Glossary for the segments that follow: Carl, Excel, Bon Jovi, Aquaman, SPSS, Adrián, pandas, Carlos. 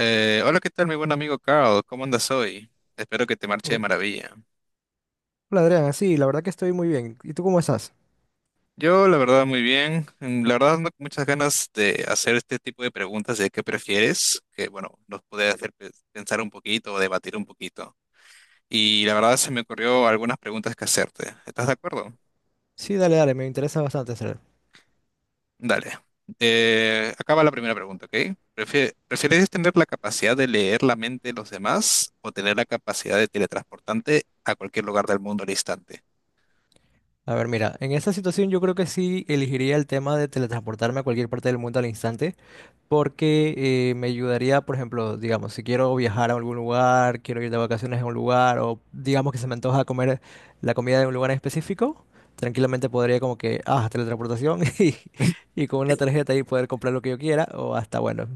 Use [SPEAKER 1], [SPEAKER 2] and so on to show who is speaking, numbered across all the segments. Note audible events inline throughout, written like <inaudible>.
[SPEAKER 1] Hola, ¿qué tal, mi buen amigo Carl? ¿Cómo andas hoy? Espero que te marche de
[SPEAKER 2] Oh,
[SPEAKER 1] maravilla.
[SPEAKER 2] hola Adrián, sí, la verdad que estoy muy bien. ¿Y tú cómo estás?
[SPEAKER 1] Yo, la verdad, muy bien. La verdad, ando con muchas ganas de hacer este tipo de preguntas de qué prefieres, que, bueno, nos puede hacer pensar un poquito o debatir un poquito. Y la verdad, se me ocurrió algunas preguntas que hacerte. ¿Estás de acuerdo?
[SPEAKER 2] Sí, dale, dale, me interesa bastante hacer.
[SPEAKER 1] Dale. Acaba la primera pregunta, ¿ok? ¿Prefieres tener la capacidad de leer la mente de los demás o tener la capacidad de teletransportarte a cualquier lugar del mundo al instante?
[SPEAKER 2] A ver, mira, en esta situación yo creo que sí elegiría el tema de teletransportarme a cualquier parte del mundo al instante, porque me ayudaría, por ejemplo, digamos, si quiero viajar a algún lugar, quiero ir de vacaciones a un lugar, o digamos que se me antoja comer la comida de un lugar en específico, tranquilamente podría como que, ah, teletransportación <laughs> y con una tarjeta ahí poder comprar lo que yo quiera, o hasta bueno.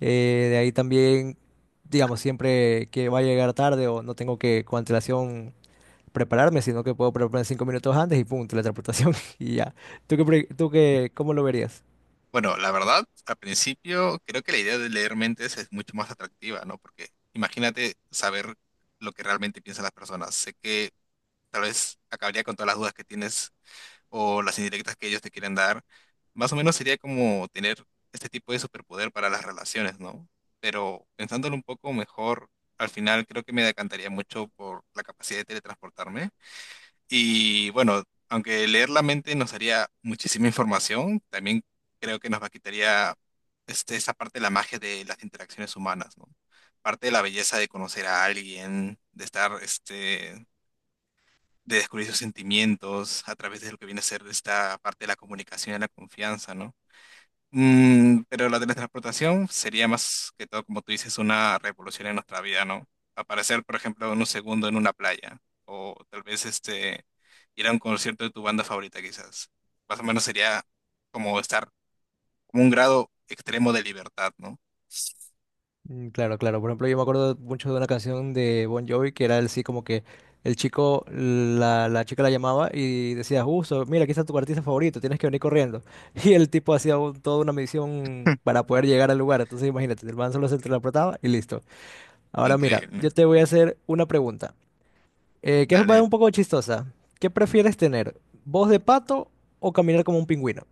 [SPEAKER 2] De ahí también, digamos, siempre que va a llegar tarde o no tengo que con antelación prepararme, sino que puedo prepararme 5 minutos antes y pum, teletransportación <laughs> y ya. ¿Tú qué, tú qué, cómo lo verías?
[SPEAKER 1] Bueno, la verdad, al principio creo que la idea de leer mentes es mucho más atractiva, ¿no? Porque imagínate saber lo que realmente piensan las personas. Sé que tal vez acabaría con todas las dudas que tienes o las indirectas que ellos te quieren dar. Más o menos sería como tener este tipo de superpoder para las relaciones, ¿no? Pero pensándolo un poco mejor, al final creo que me decantaría mucho por la capacidad de teletransportarme y bueno, aunque leer la mente nos daría muchísima información, también creo que nos va quitaría esa parte de la magia de las interacciones humanas, ¿no? Parte de la belleza de conocer a alguien, de estar, de descubrir sus sentimientos a través de lo que viene a ser esta parte de la comunicación y la confianza, ¿no? Pero la teletransportación sería más que todo, como tú dices, una revolución en nuestra vida, ¿no? Aparecer, por ejemplo, en un segundo en una playa, o tal vez ir a un concierto de tu banda favorita, quizás. Más o menos sería como estar como un grado extremo de libertad, ¿no?
[SPEAKER 2] Mm, claro, claro. Por ejemplo, yo me acuerdo mucho de una canción de Bon Jovi que era así como que el chico, la chica la llamaba y decía, justo, mira, aquí está tu artista favorito, tienes que venir corriendo. <laughs> Y el tipo hacía toda una misión para poder llegar al lugar. Entonces, imagínate, el man solo se interpretaba y listo. Ahora mira,
[SPEAKER 1] Increíble.
[SPEAKER 2] yo te voy a hacer una pregunta, que es
[SPEAKER 1] Dale.
[SPEAKER 2] un poco chistosa. ¿Qué prefieres tener? ¿Voz de pato o caminar como un pingüino?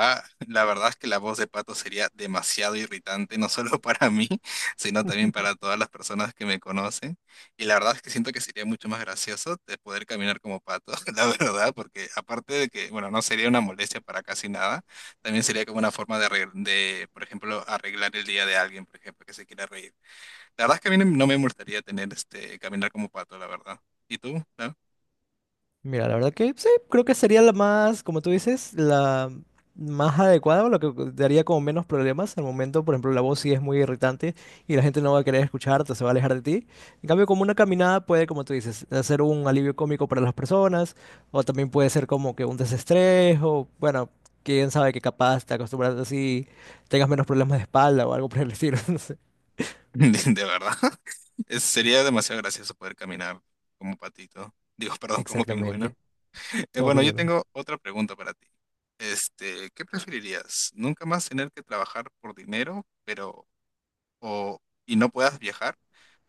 [SPEAKER 1] Ah, la verdad es que la voz de Pato sería demasiado irritante, no solo <laughs> para mí, sino también para todas las personas que me conocen. Y la verdad es que siento que sería mucho más gracioso de poder caminar como Pato, <laughs> la verdad, porque aparte de que, bueno, no sería una molestia para casi nada, también sería como una forma de, de, por ejemplo, arreglar el día de alguien, por ejemplo, que se quiera reír. La verdad es que a mí no me molestaría tener caminar como Pato, la verdad. ¿Y tú? ¿No?
[SPEAKER 2] Mira, la verdad que sí, creo que sería la más, como tú dices, la más adecuada, o lo que daría como menos problemas. Al momento, por ejemplo, la voz sí es muy irritante y la gente no va a querer escucharte, se va a alejar de ti. En cambio, como una caminada puede, como tú dices, hacer un alivio cómico para las personas, o también puede ser como que un desestrés, o bueno, quién sabe que capaz te acostumbras así, tengas menos problemas de espalda o algo por el estilo, <laughs> no sé.
[SPEAKER 1] <laughs> De verdad. Sería demasiado gracioso poder caminar como patito. Digo, <laughs> perdón, como pingüino.
[SPEAKER 2] Exactamente, como
[SPEAKER 1] Bueno, yo
[SPEAKER 2] pingüino.
[SPEAKER 1] tengo otra pregunta para ti. ¿Qué preferirías? ¿Nunca más tener que trabajar por dinero, pero o y no puedas viajar?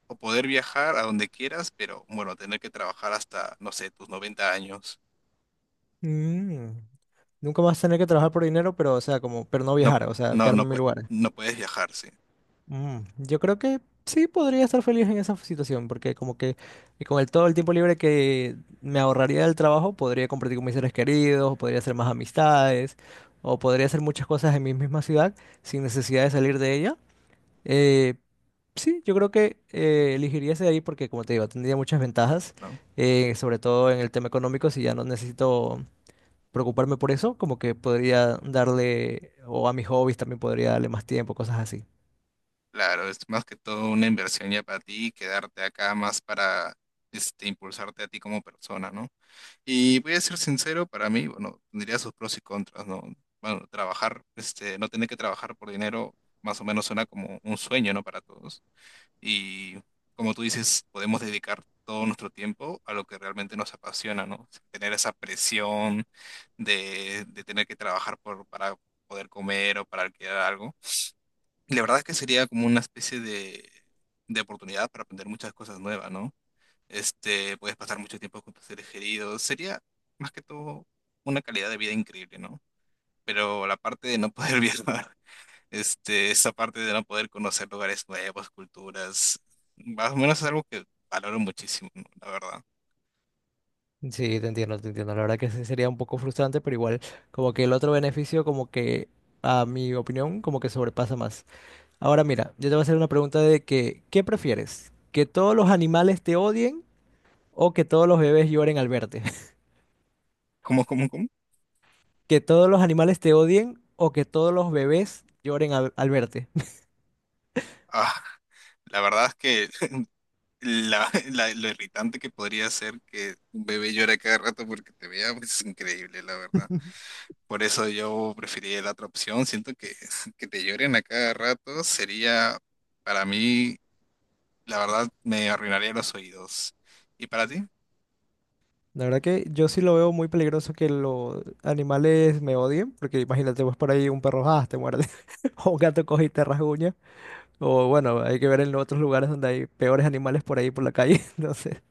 [SPEAKER 1] ¿O poder viajar a donde quieras, pero bueno, tener que trabajar hasta, no sé, tus 90 años?
[SPEAKER 2] Mm. Nunca más tener que trabajar por dinero, pero, o sea, como, pero no
[SPEAKER 1] No,
[SPEAKER 2] viajar, o sea,
[SPEAKER 1] no,
[SPEAKER 2] quedarme
[SPEAKER 1] no,
[SPEAKER 2] en mi lugar.
[SPEAKER 1] no puedes viajar, sí,
[SPEAKER 2] Mm, yo creo que sí podría estar feliz en esa situación, porque como que y con el todo el tiempo libre que me ahorraría del trabajo, podría compartir con mis seres queridos, podría hacer más amistades, o podría hacer muchas cosas en mi misma ciudad sin necesidad de salir de ella. Eh, sí, yo creo que elegiría ese de ahí porque, como te digo, tendría muchas ventajas,
[SPEAKER 1] ¿no?
[SPEAKER 2] sobre todo en el tema económico. Si ya no necesito preocuparme por eso, como que podría darle, o a mis hobbies también podría darle más tiempo, cosas así.
[SPEAKER 1] Claro, es más que todo una inversión ya para ti y quedarte acá más para impulsarte a ti como persona, ¿no? Y voy a ser sincero, para mí, bueno, tendría sus pros y contras, ¿no? Bueno, trabajar, no tener que trabajar por dinero, más o menos suena como un sueño, ¿no? Para todos. Y como tú dices, podemos dedicar todo nuestro tiempo a lo que realmente nos apasiona, ¿no? Sin tener esa presión de tener que trabajar por, para poder comer o para alquilar algo. Y la verdad es que sería como una especie de oportunidad para aprender muchas cosas nuevas, ¿no? Puedes pasar mucho tiempo con tus seres queridos. Sería más que todo una calidad de vida increíble, ¿no? Pero la parte de no poder <laughs> viajar, esa parte de no poder conocer lugares nuevos, culturas, más o menos es algo que valoro muchísimo, ¿no? La verdad.
[SPEAKER 2] Sí, te entiendo, te entiendo. La verdad que sí sería un poco frustrante, pero igual, como que el otro beneficio, como que a mi opinión, como que sobrepasa más. Ahora mira, yo te voy a hacer una pregunta de que, ¿qué prefieres? ¿Que todos los animales te odien o que todos los bebés lloren al verte? <laughs>
[SPEAKER 1] ¿Cómo, cómo, cómo?
[SPEAKER 2] ¿Que todos los animales te odien o que todos los bebés lloren al verte?
[SPEAKER 1] Ah, la verdad es que <laughs> lo irritante que podría ser que un bebé llore a cada rato porque te vea, pues es increíble, la verdad. Por eso yo preferiría la otra opción. Siento que, <laughs> que te lloren a cada rato sería, para mí, la verdad, me arruinaría los oídos. ¿Y para ti?
[SPEAKER 2] La verdad que yo sí lo veo muy peligroso que los animales me odien, porque imagínate, pues por ahí un perro ah, te muerde, <laughs> o un gato coge y te rasguña, o bueno, hay que ver en otros lugares donde hay peores animales por ahí por la calle, <laughs> entonces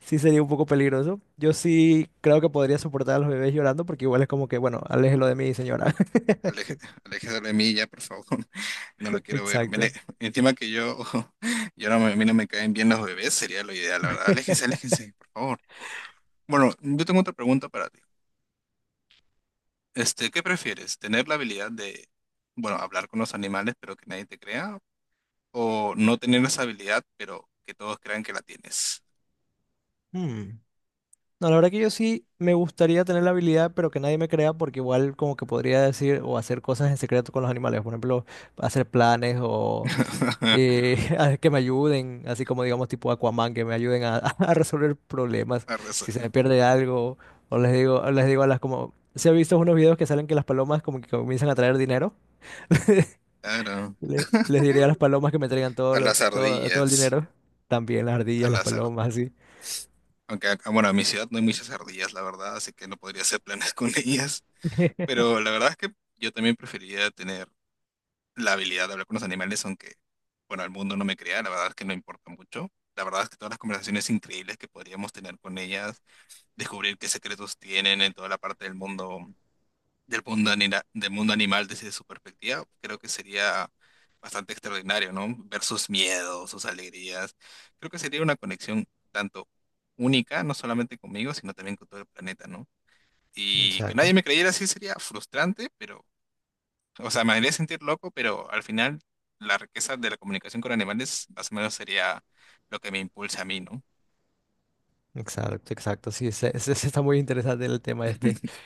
[SPEAKER 2] sí sería un poco peligroso. Yo sí creo que podría soportar a los bebés llorando, porque igual es como que, bueno, aléjelo de mí, señora. <laughs>
[SPEAKER 1] Aleje-
[SPEAKER 2] Exacto.
[SPEAKER 1] <laughs> Aléjese de mí ya, por favor. <laughs> No lo quiero ver.
[SPEAKER 2] Exacto.
[SPEAKER 1] Encima que yo, <laughs> yo no, a mí no me caen bien los bebés, sería lo ideal, la verdad. Aléjense,
[SPEAKER 2] <laughs>
[SPEAKER 1] aléjense, por favor. Bueno, yo tengo otra pregunta para ti. ¿Qué prefieres? ¿Tener la habilidad de, bueno, hablar con los animales, pero que nadie te crea? ¿O no tener esa habilidad, pero que todos crean que la tienes?
[SPEAKER 2] Hmm. No, la verdad que yo sí me gustaría tener la habilidad, pero que nadie me crea, porque igual como que podría decir o hacer cosas en secreto con los animales, por ejemplo, hacer planes o
[SPEAKER 1] <laughs>
[SPEAKER 2] <laughs> a que me ayuden, así como digamos tipo Aquaman, que me ayuden a, <laughs> a resolver problemas,
[SPEAKER 1] A raza-
[SPEAKER 2] si se me pierde algo, o les digo, a las como, se ha visto unos videos que salen que las palomas como que comienzan a traer dinero.
[SPEAKER 1] Claro,
[SPEAKER 2] <laughs> Les diré a las palomas que me traigan todo
[SPEAKER 1] a
[SPEAKER 2] lo,
[SPEAKER 1] las
[SPEAKER 2] todo, todo el
[SPEAKER 1] ardillas,
[SPEAKER 2] dinero, también las
[SPEAKER 1] a
[SPEAKER 2] ardillas, las
[SPEAKER 1] las ardillas.
[SPEAKER 2] palomas, así.
[SPEAKER 1] Aunque, bueno, en mi ciudad no hay muchas ardillas, la verdad, así que no podría hacer planes <laughs> con ellas.
[SPEAKER 2] <laughs>
[SPEAKER 1] Pero la verdad es que yo también preferiría tener la habilidad de hablar con los animales, aunque, bueno, el mundo no me crea, la verdad es que no importa mucho. La verdad es que todas las conversaciones increíbles que podríamos tener con ellas, descubrir qué secretos tienen en toda la parte del mundo, del mundo animal desde su perspectiva, creo que sería bastante extraordinario, ¿no? Ver sus miedos, sus alegrías. Creo que sería una conexión tanto única, no solamente conmigo, sino también con todo el planeta, ¿no? Y que nadie
[SPEAKER 2] Exacto.
[SPEAKER 1] me creyera así sería frustrante, pero, o sea, me haría sentir loco, pero al final la riqueza de la comunicación con animales más o menos sería lo que me impulsa a mí, ¿no?
[SPEAKER 2] Exacto, exacto. Sí, se <laughs> está muy interesante el tema este.
[SPEAKER 1] <laughs>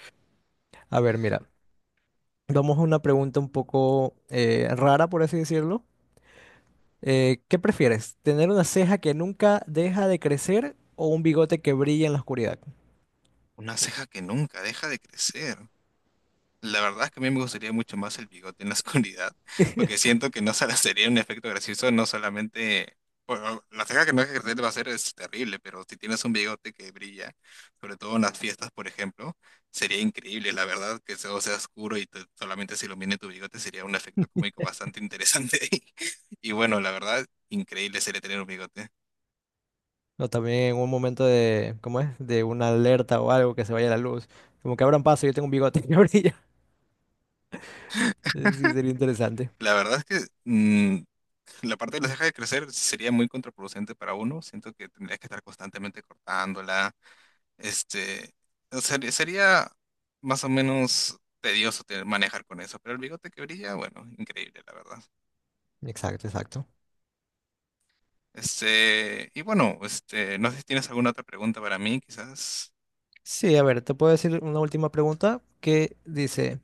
[SPEAKER 2] A ver, mira, vamos a una pregunta un poco rara, por así decirlo. ¿Qué prefieres? ¿Tener una ceja que nunca deja de crecer o un bigote que brilla en la oscuridad?
[SPEAKER 1] Una ceja que nunca deja de crecer. La verdad es que a mí me gustaría mucho más el bigote en la <laughs> oscuridad, porque siento que no solo sería un efecto gracioso, no solamente... Bueno, la ceja que no hay que crecer va a ser es terrible, pero si tienes un bigote que brilla, sobre todo en las fiestas, por ejemplo, sería increíble, la verdad, que todo sea oscuro y solamente se ilumine tu bigote sería un efecto cómico
[SPEAKER 2] <laughs>
[SPEAKER 1] bastante interesante. <laughs> Y bueno, la verdad, increíble sería tener un bigote.
[SPEAKER 2] O también un momento de, ¿cómo es? De una alerta o algo que se vaya la luz. Como que abran paso, yo tengo un bigote <laughs> que brilla. Sí, sería interesante.
[SPEAKER 1] La verdad es que la parte de la ceja de crecer sería muy contraproducente para uno, siento que tendrías que estar constantemente cortándola. Este, o sea, sería más o menos tedioso manejar con eso, pero el bigote que brilla, bueno, increíble, la verdad.
[SPEAKER 2] Exacto, exacto.
[SPEAKER 1] Y bueno, no sé si tienes alguna otra pregunta para mí, quizás.
[SPEAKER 2] Sí, a ver, te puedo decir una última pregunta que dice...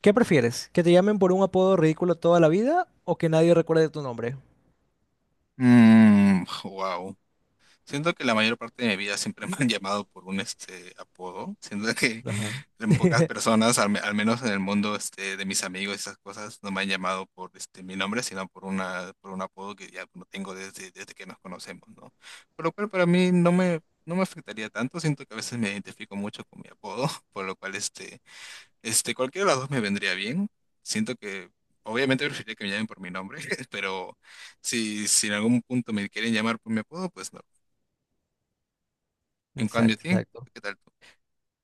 [SPEAKER 2] ¿Qué prefieres? ¿Que te llamen por un apodo ridículo toda la vida o que nadie recuerde tu nombre?
[SPEAKER 1] Mmm, Siento que la mayor parte de mi vida siempre <laughs> me han llamado por un apodo. Siento que
[SPEAKER 2] Ajá.
[SPEAKER 1] en pocas
[SPEAKER 2] <laughs>
[SPEAKER 1] personas, al menos en el mundo de mis amigos, y esas cosas, no me han llamado por mi nombre, sino por una, por un apodo que ya lo tengo desde, desde que nos conocemos, ¿no? Por lo cual para mí no me afectaría tanto. Siento que a veces me identifico mucho con mi apodo, <laughs> por lo cual cualquiera de las dos me vendría bien. Siento que obviamente preferiría que me llamen por mi nombre, <laughs> pero si en algún punto me quieren llamar por mi apodo, pues no. En cambio a
[SPEAKER 2] Exacto,
[SPEAKER 1] ti,
[SPEAKER 2] exacto.
[SPEAKER 1] ¿qué tal tú?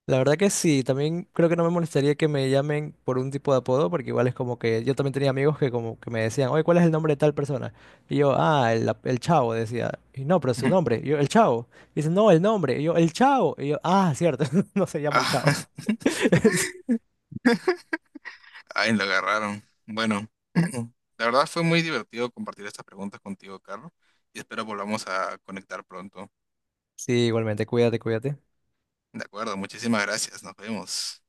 [SPEAKER 2] La verdad que sí, también creo que no me molestaría que me llamen por un tipo de apodo, porque igual es como que yo también tenía amigos que como que me decían, oye, ¿cuál es el nombre de tal persona? Y yo, ah, el Chavo, decía, y no, pero su
[SPEAKER 1] Ujú.
[SPEAKER 2] nombre, y yo, el Chavo. Y dice, no, el nombre, y yo, el Chavo, y yo, ah, cierto, <laughs> no se llama el Chavo.
[SPEAKER 1] Ah, <laughs>
[SPEAKER 2] <laughs>
[SPEAKER 1] ay, lo agarraron. Bueno, <clears throat> la verdad fue muy divertido compartir estas preguntas contigo, Carlos, y espero volvamos a conectar pronto.
[SPEAKER 2] Sí, igualmente, cuídate, cuídate.
[SPEAKER 1] De acuerdo, muchísimas gracias. Nos vemos.